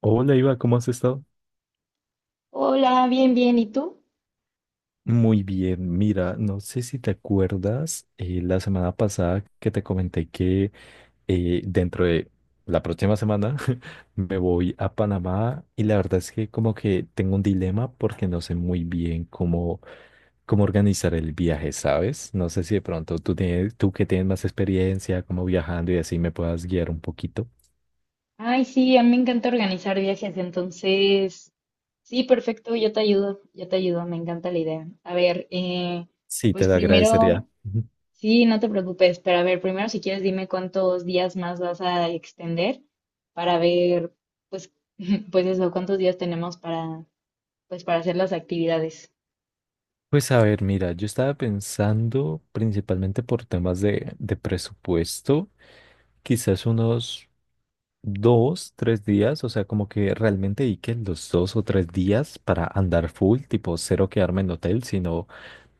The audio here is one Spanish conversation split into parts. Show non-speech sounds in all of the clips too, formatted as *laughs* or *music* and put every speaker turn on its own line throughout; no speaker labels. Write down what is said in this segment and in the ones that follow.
Hola Iva, ¿cómo has estado?
Hola, bien, bien. ¿Y tú?
Muy bien, mira, no sé si te acuerdas la semana pasada que te comenté que dentro de la próxima semana *laughs* me voy a Panamá y la verdad es que como que tengo un dilema porque no sé muy bien cómo organizar el viaje, ¿sabes? No sé si de pronto tú que tienes más experiencia como viajando y así me puedas guiar un poquito.
Ay, sí, a mí me encanta organizar viajes, entonces, sí, perfecto, yo te ayudo, me encanta la idea. A ver,
Sí, te
pues
lo agradecería.
primero,
*laughs*
sí, no te preocupes, pero a ver, primero si quieres dime cuántos días más vas a extender para ver, pues, *laughs* pues eso, cuántos días tenemos para, pues, para hacer las actividades.
Pues a ver, mira, yo estaba pensando principalmente por temas de presupuesto, quizás unos 2, 3 días, o sea, como que realmente dediquen los 2 o 3 días para andar full, tipo cero quedarme en hotel, sino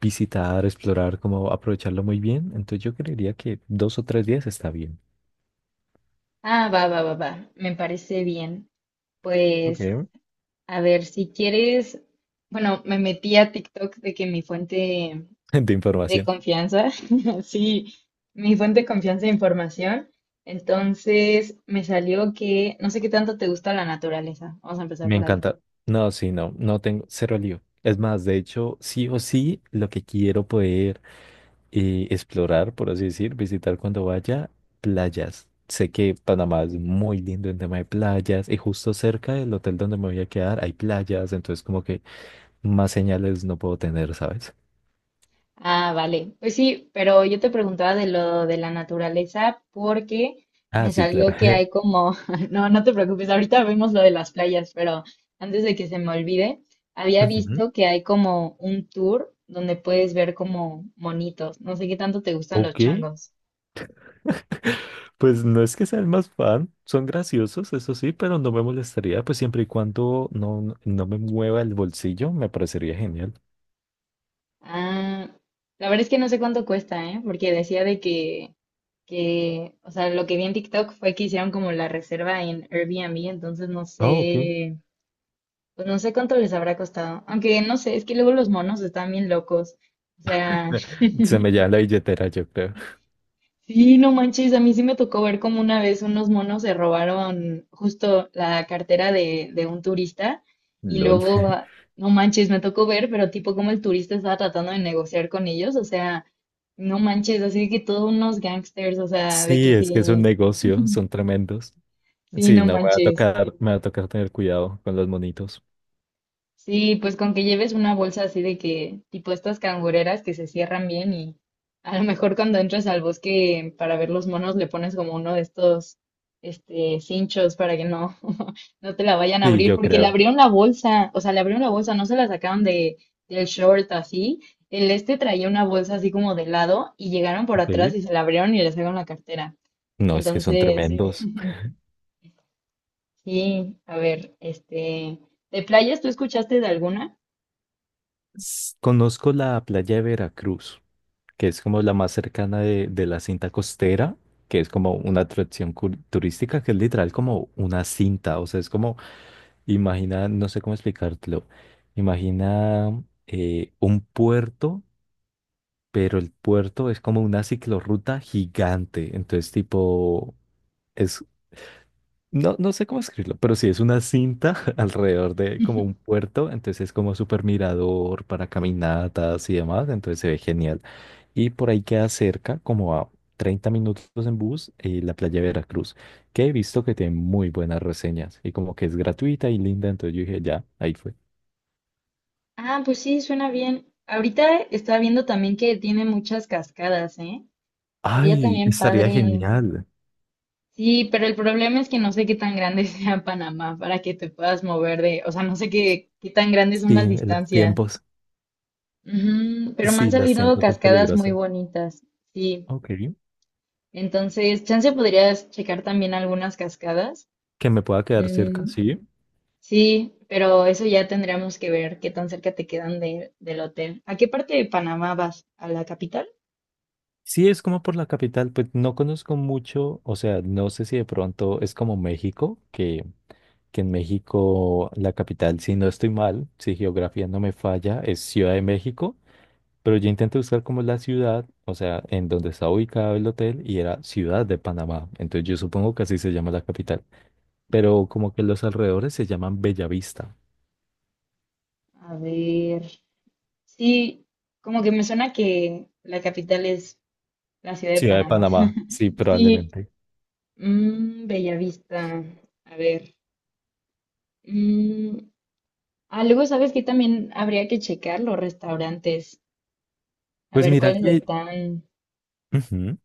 visitar, explorar, como aprovecharlo muy bien. Entonces yo creería que 2 o 3 días está bien.
Ah, va, va, va, va, me parece bien. Pues
Okay.
a ver, si quieres, bueno, me metí a TikTok de que mi fuente
*laughs* De
de
información.
confianza, *laughs* sí, mi fuente de confianza de información, entonces me salió que no sé qué tanto te gusta la naturaleza. Vamos a empezar
Me
por ahí.
encanta. No, sí, no, no tengo cero lío. Es más, de hecho, sí o sí, lo que quiero poder y explorar, por así decir, visitar cuando vaya playas. Sé que Panamá es muy lindo en tema de playas y justo cerca del hotel donde me voy a quedar hay playas, entonces como que más señales no puedo tener, ¿sabes?
Ah, vale. Pues sí, pero yo te preguntaba de lo de la naturaleza porque
Ah,
me
sí, claro.
salió que hay
*laughs*
como, *laughs* no, no te preocupes, ahorita vemos lo de las playas, pero antes de que se me olvide, había
Ujú.
visto que hay como un tour donde puedes ver como monitos. No sé qué tanto te gustan los
Ok,
changos.
pues no es que sea el más fan, son graciosos, eso sí, pero no me molestaría, pues siempre y cuando no, no me mueva el bolsillo, me parecería genial.
Ah, la verdad es que no sé cuánto cuesta, ¿eh? Porque decía de que, o sea, lo que vi en TikTok fue que hicieron como la reserva en Airbnb, entonces no
Ah, ok.
sé. Pues no sé cuánto les habrá costado. Aunque no sé, es que luego los monos están bien locos. O sea, *laughs*
*laughs* Se me lleva la billetera, yo creo.
sí, no manches, a mí sí me tocó ver como una vez unos monos se robaron justo la cartera de un turista
*laughs*
y
LOL.
luego, ah, no manches, me tocó ver, pero tipo como el turista estaba tratando de negociar con ellos. O sea, no manches, así que todos unos gangsters, o sea, de
Sí,
que
es que es un
sí,
negocio, son tremendos.
sí,
Sí,
no
no, me va a
manches.
tocar, me va a tocar tener cuidado con los monitos.
Sí, pues con que lleves una bolsa así de que, tipo estas cangureras que se cierran bien y a lo mejor cuando entras al bosque para ver los monos le pones como uno de estos, este, cinchos para que no, *laughs* no te la vayan a
Sí,
abrir,
yo
porque le
creo.
abrieron la bolsa, o sea, le abrieron la bolsa, no se la sacaron de, del short así. El este traía una bolsa así como de lado y llegaron por atrás
Ok.
y se la abrieron y le sacaron la cartera.
No, es que son
Entonces,
tremendos.
*laughs* sí, a ver, este, ¿de playas tú escuchaste de alguna?
Conozco la playa de Veracruz, que es como la más cercana de la cinta costera, que es como una atracción turística, que es literal como una cinta. O sea, es como, imagina, no sé cómo explicártelo. Imagina un puerto pero el puerto es como una ciclorruta gigante. Entonces, tipo, es, no, no sé cómo escribirlo, pero sí es una cinta *laughs* alrededor de como un puerto. Entonces, es como super mirador para caminatas y demás. Entonces, se ve genial. Y por ahí queda cerca, como a 30 minutos en bus, la playa de Veracruz, que he visto que tiene muy buenas reseñas y como que es gratuita y linda. Entonces, yo dije, ya, ahí fue.
Ah, pues sí, suena bien. Ahorita estaba viendo también que tiene muchas cascadas, ¿eh? Estaría
Ay,
también
estaría
padre.
genial.
Sí, pero el problema es que no sé qué tan grande *laughs* sea Panamá para que te puedas mover de, o sea, no sé qué, qué tan grandes son
Sí,
las
en los
distancias.
tiempos.
Ujú, pero me
Sí,
han
los
salido
tiempos es
cascadas muy
peligroso.
bonitas, sí.
Ok.
Entonces, chance podrías checar también algunas cascadas.
Que me pueda quedar cerca,
Mm,
sí.
sí, pero eso ya tendríamos que ver qué tan cerca te quedan del hotel. ¿A qué parte de Panamá vas? ¿A la capital?
Sí, es como por la capital, pues no conozco mucho, o sea, no sé si de pronto es como México, que en México la capital, si no estoy mal, si geografía no me falla, es Ciudad de México, pero yo intenté buscar como la ciudad, o sea, en donde está ubicado el hotel y era Ciudad de Panamá, entonces yo supongo que así se llama la capital, pero como que los alrededores se llaman Bellavista,
A ver, sí, como que me suena que la capital es la ciudad de
Ciudad de
Panamá.
Panamá,
*laughs*
sí,
Sí,
probablemente.
mm, Bellavista. A ver, mm, ah, luego sabes que también habría que checar los restaurantes, a
Pues
ver
mira
cuáles
que.
están,
Ujú.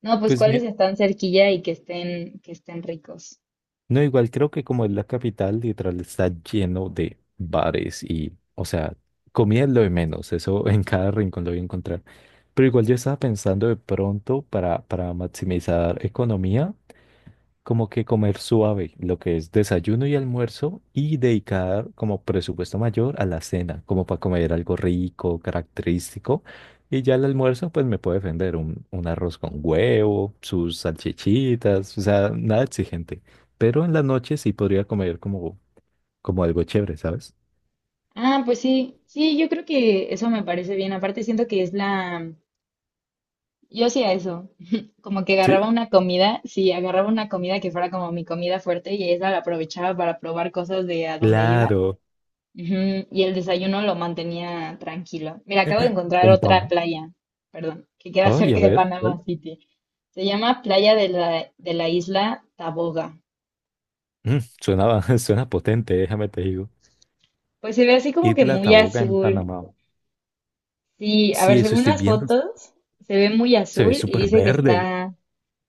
no, pues
Pues mi-
cuáles están cerquilla y que estén ricos.
No, igual creo que como es la capital, literal está lleno de bares y, o sea, comida es lo de menos, eso *laughs* en cada rincón lo voy a encontrar. Pero igual yo estaba pensando de pronto para maximizar economía, como que comer suave, lo que es desayuno y almuerzo, y dedicar como presupuesto mayor a la cena, como para comer algo rico, característico. Y ya el almuerzo, pues me puede defender un arroz con huevo, sus salchichitas, o sea, nada exigente. Pero en la noche sí podría comer como algo chévere, ¿sabes?
Ah, pues sí, sí, yo creo que eso me parece bien. Aparte siento que es la. Yo hacía eso, *laughs* como que
Sí,
agarraba una comida, sí, agarraba una comida que fuera como mi comida fuerte y esa la aprovechaba para probar cosas de a dónde iba.
claro.
Ujú. Y el desayuno lo mantenía tranquilo. Mira, acabo de
*laughs*
encontrar
Un
otra
pan.
playa, perdón, que queda
Ay, a
cerca de
ver,
Panama
¿cuál?
City. Se llama Playa de la, isla Taboga.
Mm, suena, *laughs* suena potente, déjame te digo.
Pues se ve así como que
Isla
muy
Taboga en
azul.
Panamá.
Sí, a ver,
Sí, eso
según
estoy
las
viendo.
fotos, se ve muy
Se ve
azul y
súper
dice que
verde.
está,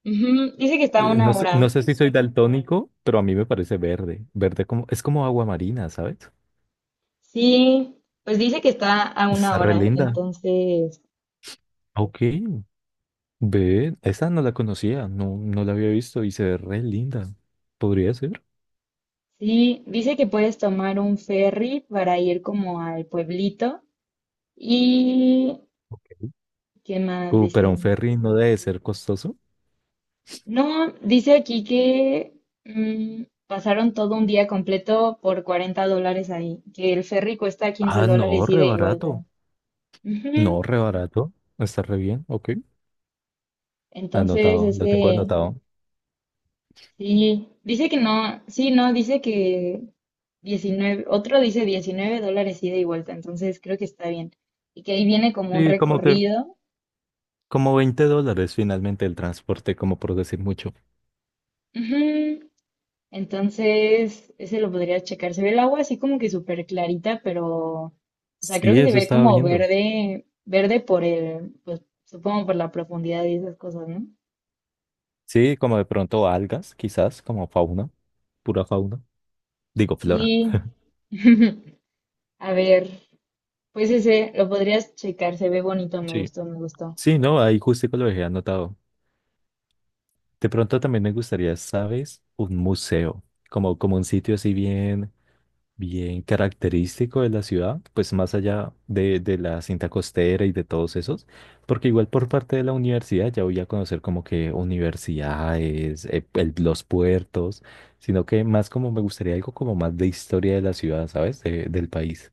ujú, dice que está a
No
una
sé, no
hora.
sé si soy daltónico, pero a mí me parece verde. Verde como, es como agua marina, ¿sabes?
Sí, pues dice que está a una
Está re
hora,
linda.
entonces
Ah, ok, ve, esa no la conocía, no, no la había visto y se ve re linda. Podría ser.
sí, dice que puedes tomar un ferry para ir como al pueblito. ¿Y
Ok.
qué más
Pero un
dice?
ferry no debe ser costoso.
No, dice aquí que mm, pasaron todo un día completo por $40 ahí, que el ferry cuesta 15
Ah, no,
dólares
re
ida y vuelta.
barato.
Ujú.
No, re barato. Está re bien, ok.
Entonces,
Anotado, lo tengo
ese,
anotado.
sí, dice que no, sí, no, dice que 19, otro dice $19 ida y vuelta, entonces creo que está bien. Y que ahí viene como un
Sí, como que,
recorrido.
como $20 finalmente el transporte, como por decir mucho.
Ujú. Entonces, ese lo podría checar. Se ve el agua así como que súper clarita, pero, o sea, creo
Sí,
que se
eso
ve
estaba
como
viendo.
verde, verde por el, pues supongo por la profundidad y esas cosas, ¿no?
Sí, como de pronto algas, quizás, como fauna, pura fauna. Digo, flora.
Sí. *laughs* A ver, pues ese lo podrías checar, se ve bonito, me
Sí.
gustó, me gustó.
Sí, no, ahí justico lo dejé anotado. De pronto también me gustaría, ¿sabes? Un museo, como un sitio así bien, bien característico de la ciudad, pues más allá de la cinta costera y de todos esos, porque igual por parte de la universidad ya voy a conocer como que universidades, los puertos, sino que más como me gustaría algo como más de historia de la ciudad, ¿sabes? Del país.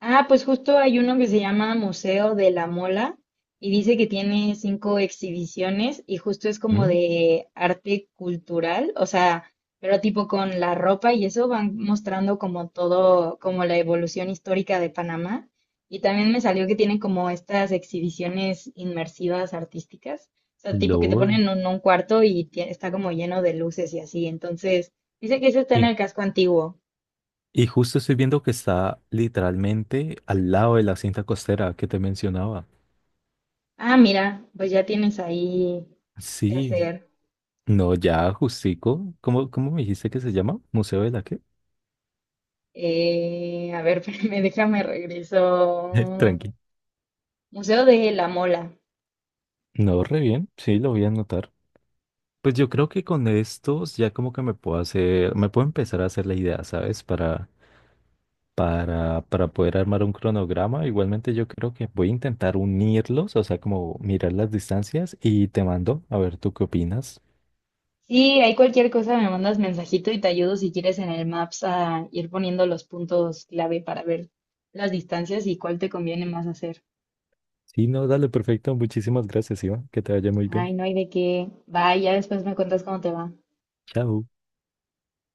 Ah, pues justo hay uno que se llama Museo de la Mola y dice que tiene cinco exhibiciones y justo es como
¿Mm?
de arte cultural, o sea, pero tipo con la ropa y eso van mostrando como todo, como la evolución histórica de Panamá. Y también me salió que tienen como estas exhibiciones inmersivas artísticas, o sea, tipo que te
LOL.
ponen en un cuarto y está como lleno de luces y así. Entonces, dice que ese está en
Y,
el casco antiguo.
y justo estoy viendo que está literalmente al lado de la cinta costera que te mencionaba.
Ah, mira, pues ya tienes ahí qué
Sí,
hacer.
no, ya justico. ¿Cómo me dijiste que se llama? ¿Museo de la qué?
A ver, *laughs* me déjame
*laughs*
regreso.
Tranqui.
Museo de la Mola.
No, re bien. Sí, lo voy a anotar. Pues yo creo que con estos ya como que me puedo empezar a hacer la idea, ¿sabes? Para poder armar un cronograma. Igualmente yo creo que voy a intentar unirlos, o sea, como mirar las distancias y te mando a ver tú qué opinas.
Sí, hay cualquier cosa, me mandas mensajito y te ayudo si quieres en el Maps a ir poniendo los puntos clave para ver las distancias y cuál te conviene más hacer.
Sí, no, dale, perfecto. Muchísimas gracias, Iván. Que te vaya muy bien.
Ay, no hay de qué. Bye, ya después me cuentas cómo te va.
Chao.